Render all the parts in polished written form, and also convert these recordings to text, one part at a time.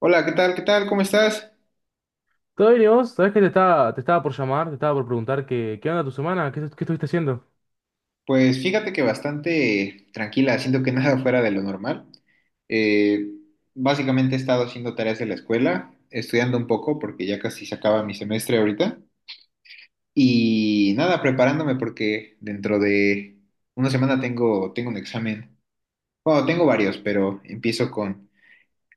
Hola, ¿qué tal? ¿Qué tal? ¿Cómo estás? ¿Todo bien y vos? ¿Sabés que te estaba por llamar? Te estaba por preguntar qué onda tu semana, qué estuviste haciendo. Pues fíjate que bastante tranquila, siento que nada fuera de lo normal. Eh, Básicamente he estado haciendo tareas de la escuela, estudiando un poco porque ya casi se acaba mi semestre ahorita. Y nada, preparándome porque dentro de una semana tengo un examen. Bueno, tengo varios, pero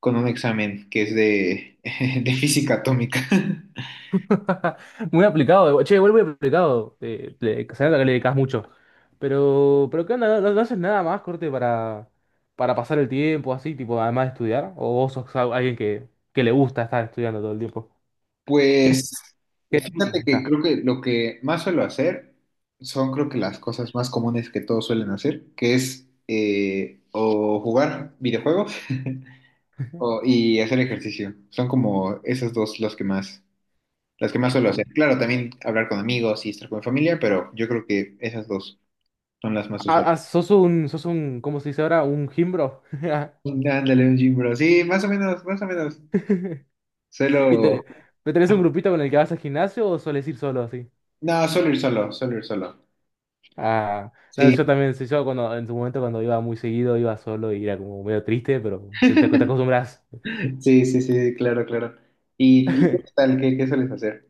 con un examen que es de física atómica. Muy aplicado, eh. Che, igual muy aplicado. Se nota que le dedicas mucho. Pero ¿qué onda? ¿ No haces nada más, corte, para pasar el tiempo así, tipo, ¿además de estudiar? ¿O vos sos alguien que le gusta estar estudiando todo el tiempo? ¿Qué, Pues qué disfrutas fíjate de que estar? creo que lo que más suelo hacer son creo que las cosas más comunes que todos suelen hacer, que es o jugar videojuegos y hacer ejercicio. Son como esas dos las que más suelo O- hacer. Claro, también hablar con amigos y estar con mi familia, pero yo creo que esas dos son las más usuales. ¿Sos un, cómo se dice ahora? Un gimbro. Ándale, un gym bro. Sí, más o menos, más o menos. ¿Y Suelo, tenés un grupito con el que vas al gimnasio o sueles ir solo así? no, suelo ir solo, suelo ir solo. Ah, no, Sí, yo también, sí, yo cuando, en su momento cuando iba muy seguido, iba solo y era como medio triste, pero te acostumbras. sí, sí, sí, claro, claro. Y qué tal? ¿Qué, qué sueles hacer?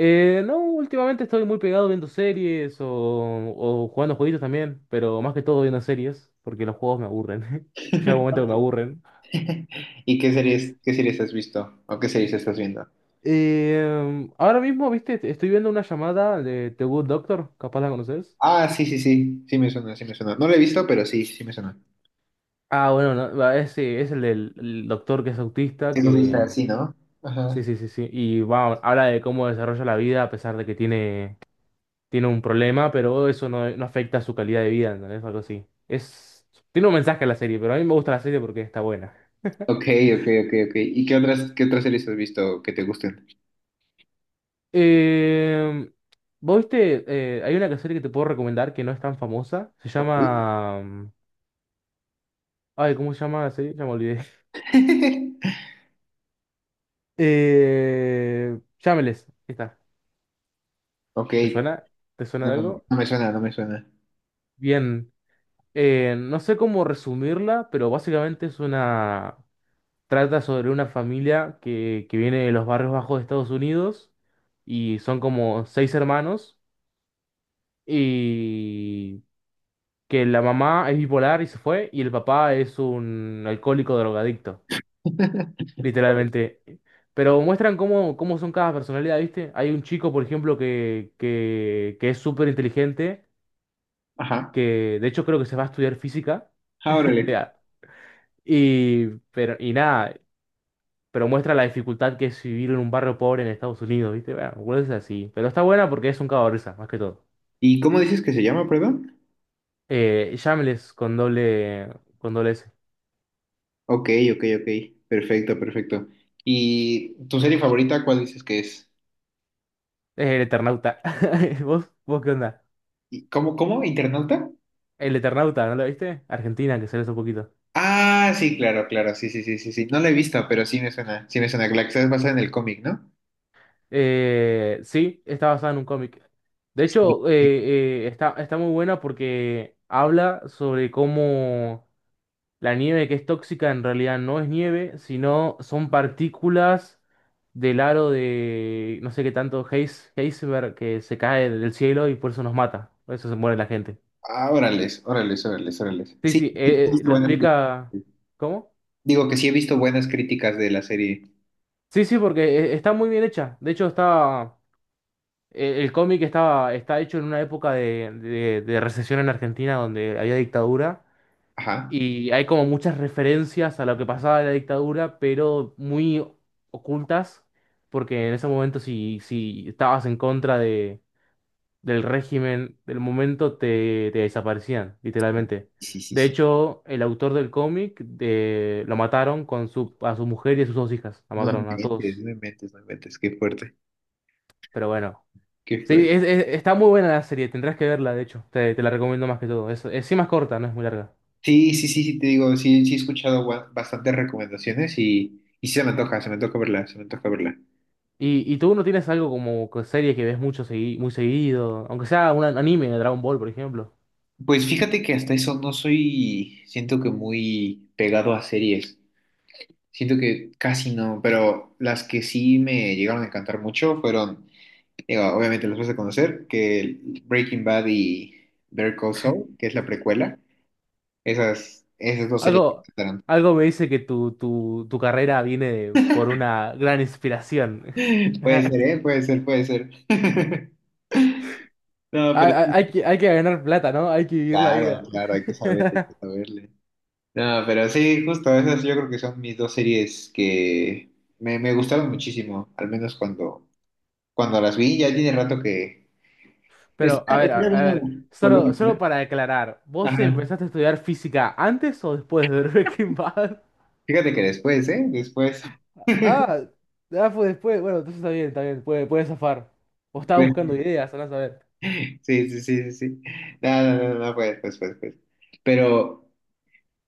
No, últimamente estoy muy pegado viendo series o jugando jueguitos también, pero más que todo viendo series, porque los juegos me aburren. Llega un momento que me aburren. ¿Y qué series has visto? ¿O qué series estás viendo? Ahora mismo, viste, estoy viendo una llamada de The Good Doctor, capaz la conoces. Ah, sí, sí, sí, sí me suena, sí me suena. No lo he visto, pero sí, sí me suena. Ah, bueno, no, va, ese es el del el doctor que es autista, Sí lo viste que... así, ¿no? Ajá. Sí. Y va, habla de cómo desarrolla la vida a pesar de que tiene un problema, pero eso no afecta a su calidad de vida, ¿entendés? Algo así. Es, tiene un mensaje a la serie, pero a mí me gusta la serie porque está buena. Ok, ok, ok, ok. ¿Y qué otras series has visto que te gusten? Eh, ¿Vos viste? Hay una serie que te puedo recomendar que no es tan famosa. Se Ok. llama... ay, ¿cómo se llama la serie? Ya me olvidé. Shameless. Ahí está. Ok, ¿Te suena? ¿Te suena de no, algo? no me suena, no me suena. Bien. No sé cómo resumirla, pero básicamente es una... Trata sobre una familia que viene de los barrios bajos de Estados Unidos y son como seis hermanos y que la mamá es bipolar y se fue y el papá es un alcohólico drogadicto, literalmente. Pero muestran cómo son cada personalidad, ¿viste? Hay un chico, por ejemplo, que es súper inteligente, Ajá. que de hecho creo que se va a estudiar física. Ah, o órale. Y, pero, y Nada, pero muestra la dificultad que es vivir en un barrio pobre en Estados Unidos, ¿viste? Bueno, Will es así, pero está buena porque es un cago de risa, más que todo. ¿Y cómo dices que se llama, perdón? Shameless con doble S. Ok, ok, ok. Perfecto, perfecto. ¿Y tu serie favorita, cuál dices que es? Es el Eternauta. ¿Vos qué onda? ¿Y cómo, cómo? ¿Internauta? El Eternauta, ¿no lo viste? Argentina, que sale hace poquito. Ah, sí, claro, claro. Sí, sí, sí, sí, sí. No la he visto, pero sí me suena. Sí me suena. La que está basada en el cómic, ¿no? Sí, está basada en un cómic. De Sí, hecho, sí. Está muy buena porque habla sobre cómo la nieve que es tóxica en realidad no es nieve, sino son partículas del aro de no sé qué tanto Heisenberg que se cae del cielo y por eso nos mata. Por eso se muere la gente. Ah, órales, órales, órales, órales. Sí, Sí, sí, sí, sí, he visto lo buenas explica. críticas. ¿Cómo? Digo que sí he visto buenas críticas de la serie. Sí, sí, porque está muy bien hecha. De hecho, está. El cómic está hecho en una época de recesión en Argentina donde había dictadura. Ajá. Y hay como muchas referencias a lo que pasaba en la dictadura, pero muy ocultas, porque en ese momento si estabas en contra del régimen del momento, te desaparecían, literalmente. Sí, sí, De sí. hecho, el autor del cómic lo mataron con su, a su mujer y a sus dos hijas, la No me mataron a inventes, no todos. me inventes, no me inventes. Qué fuerte, Pero bueno, qué sí, fuerte. Está muy buena la serie, tendrás que verla, de hecho, te la recomiendo más que todo. Es sí más corta, no es muy larga. Sí, sí, sí, sí, te digo, sí, sí he escuchado bastantes recomendaciones y sí se me antoja verla, se me antoja verla. Y tú no tienes algo como serie que ves mucho muy seguido? Aunque sea un anime de Dragon Ball, por ejemplo. Pues fíjate que hasta eso no soy, siento que muy pegado a series. Siento que casi no, pero las que sí me llegaron a encantar mucho fueron, digo, obviamente las vas a conocer, que Breaking Bad y Better Call Saul, que es la precuela, esas, esas dos series me Algo, encantaron. algo me dice que tu carrera viene por una gran inspiración. Puede ser, ¿eh? Puede ser, puede ser. No, pero Hay que ganar plata, ¿no? Hay que vivir la claro, vida. claro, hay que saber, hay que saberle. No, pero sí, justo esas yo creo que son mis dos series que me gustaron muchísimo, al menos cuando las vi, ya tiene rato que... Pero, a ver, está a bueno ver, volver a verla. solo para aclarar, ¿vos Ajá. empezaste a estudiar física antes o después de ver Breaking Bad? Fíjate que después, ¿eh? Después. Ah, Fue después. Bueno, entonces está bien, puede zafar. Vos estabas buscando ideas, andás a ver. Sí, sí, sí, sí, sí. No, no, no, no, pues, pues, pues, pues. Pero...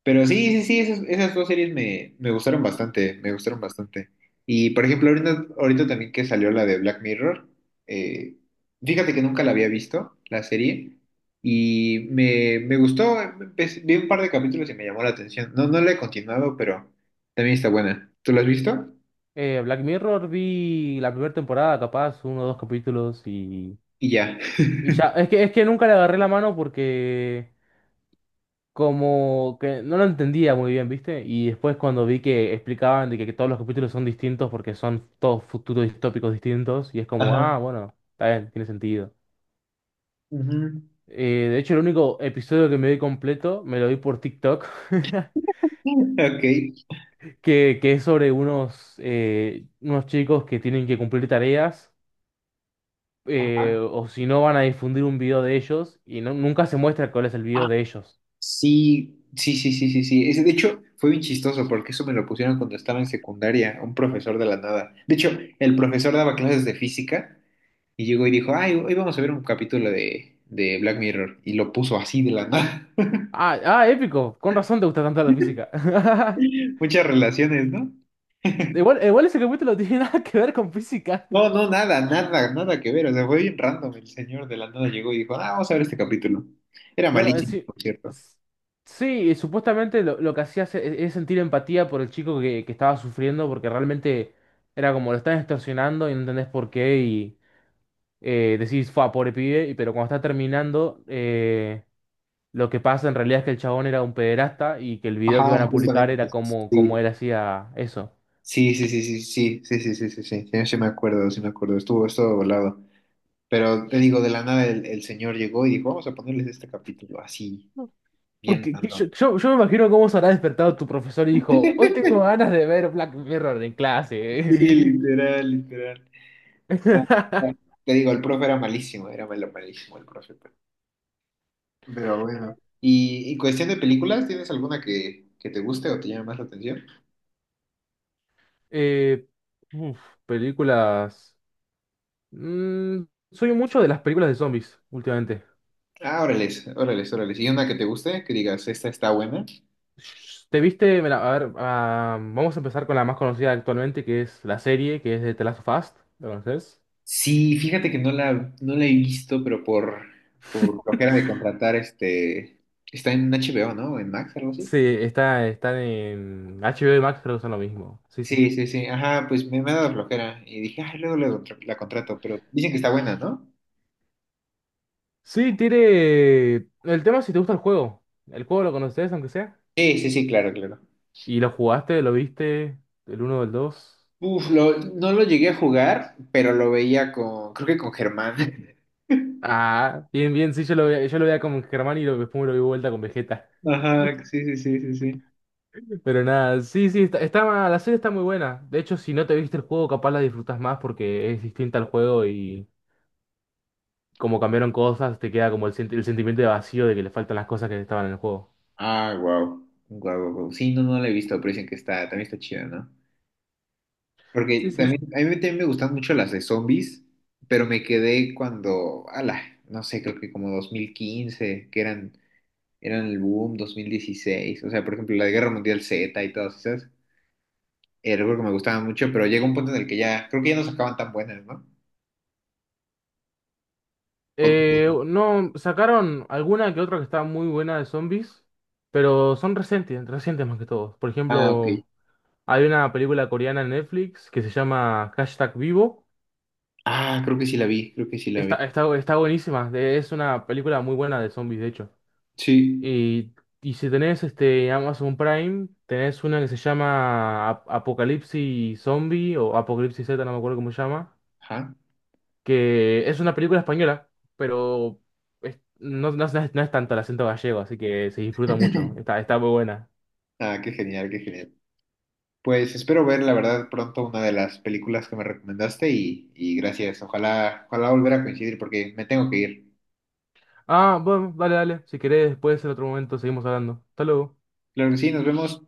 Pero sí, sí, sí, esas, esas dos series me gustaron bastante, me gustaron bastante. Y por ejemplo, ahorita, ahorita también que salió la de Black Mirror, eh, fíjate que nunca la había visto, la serie, y me gustó, vi un par de capítulos y me llamó la atención. No, no la he continuado, pero también está buena. ¿Tú la has visto? Black Mirror vi la primera temporada, capaz, uno o dos capítulos Y ya. y ya. Es que nunca le agarré la mano porque como que no lo entendía muy bien, ¿viste? Y después cuando vi que explicaban de que todos los capítulos son distintos porque son todos futuros distópicos distintos y es como, Ajá. ah, bueno, está bien, tiene sentido. Ujú. De hecho, el único episodio que me vi completo me lo vi por TikTok, que es sobre unos, unos chicos que tienen que cumplir tareas o si no van a difundir un video de ellos y nunca se muestra cuál es el Ok. video de ellos. Sí, sí, sí, sí, sí, sí. Ese, de hecho, fue bien chistoso porque eso me lo pusieron cuando estaba en secundaria, un profesor de la nada. De hecho, el profesor daba clases de física y llegó y dijo, ay, hoy vamos a ver un capítulo de Black Mirror. Y lo puso así de la nada. Épico. Con razón te gusta tanto la física. Muchas relaciones, ¿no? Igual ese capítulo no tiene nada que ver con física. No, no, nada, nada, nada que ver. O sea, fue bien random. El señor de la nada llegó y dijo, ah, vamos a ver este capítulo. Era Claro, en malísimo, sí. por cierto. s- Sí, supuestamente lo que hacía es sentir empatía por el chico que estaba sufriendo porque realmente era como lo están extorsionando y no entendés por qué y decís, fa, pobre pibe, pero cuando está terminando... Lo que pasa en realidad es que el chabón era un pederasta y que el video Ajá, que iban a publicar justamente. era como, como Sí. él hacía eso. Sí, sí, sí, sí, sí, sí, sí, sí, sí, sí, sí, sí me acuerdo, estuvo, estuvo volado. Pero te digo, de la nada el señor llegó y dijo, vamos a ponerles este capítulo así, bien random. Yo me imagino cómo se habrá despertado tu profesor y dijo, hoy tengo ganas de ver Black Mirror en Sí, clase. literal, literal. Ah, ah, te digo, el profe era malísimo, era malo, malísimo el profe. Pero bueno. Y cuestión de películas? ¿Tienes alguna que te guste o te llame más la atención? Eh, uf, Películas... Mm, soy mucho de las películas de zombies últimamente. Ah, órales, órales, órales. ¿Y una que te guste? Que digas, esta está buena. ¿Te viste? Mira, a ver, ah, vamos a empezar con la más conocida actualmente, que es la serie, que es de The Last of Us. ¿La conoces? Sí, fíjate que no la, no la he visto, por flojera de contratar, este, está en HBO, ¿no? En Max, algo así. Sí, está, están en HBO y Max, creo que son lo mismo. Sí, sí. Sí, sí, sí. Ajá, pues me ha dado flojera. Y dije, ay, luego la contrato, pero dicen que está buena, ¿no? Sí, tiene. El tema es si te gusta el juego. El juego lo conoces, aunque sea. Sí, sí, sí, claro, claro. Y lo jugaste, lo viste. El uno o el 2. Uf, no lo llegué a jugar, pero lo veía con, creo que con Germán. Ah, bien, bien. Sí, yo lo veía con Germán después me lo vi vuelta con Vegeta. Ajá, sí, sí, sí, sí, sí. Pero nada, sí, sí. La serie está muy buena. De hecho, si no te viste el juego, capaz la disfrutas más porque es distinta al juego y como cambiaron cosas, te queda como el sentimiento de vacío de que le faltan las cosas que estaban en el juego. Ah, wow. Guau, guau, guau. Sí, no, no la he visto, pero dicen que está, también está chida, ¿no? Sí, Porque sí. también, a mí también me gustan mucho las de zombies, pero me quedé cuando, ala, no sé, creo que como 2015, que eran el boom 2016, o sea, por ejemplo, la de Guerra Mundial Z y todas esas, era algo que me gustaban mucho, pero llega un punto en el que ya, creo que ya no sacaban tan buenas, ¿no? O No, sacaron alguna que otra que está muy buena de zombies, pero son recientes más que todo. Por ah, ok. ejemplo, hay una película coreana en Netflix que se llama Hashtag Vivo. Ah, creo que sí la vi, creo que sí la vi. Está buenísima, es una película muy buena de zombies, de hecho. Sí. Y, y si tenés este Amazon Prime, tenés una que se llama Apocalipsis Zombie o Apocalipsis Z, no me acuerdo cómo se llama. Ajá. Que es una película española, pero no es tanto el acento gallego, así que se disfruta mucho. Está muy buena. Ah, qué genial, qué genial. Pues espero ver, la verdad, pronto una de las películas que me recomendaste y gracias. Ojalá, ojalá volver a coincidir porque me tengo que ir. Ah, bueno, dale, dale. Si querés, después en otro momento seguimos hablando. Hasta luego. Claro que sí, nos vemos.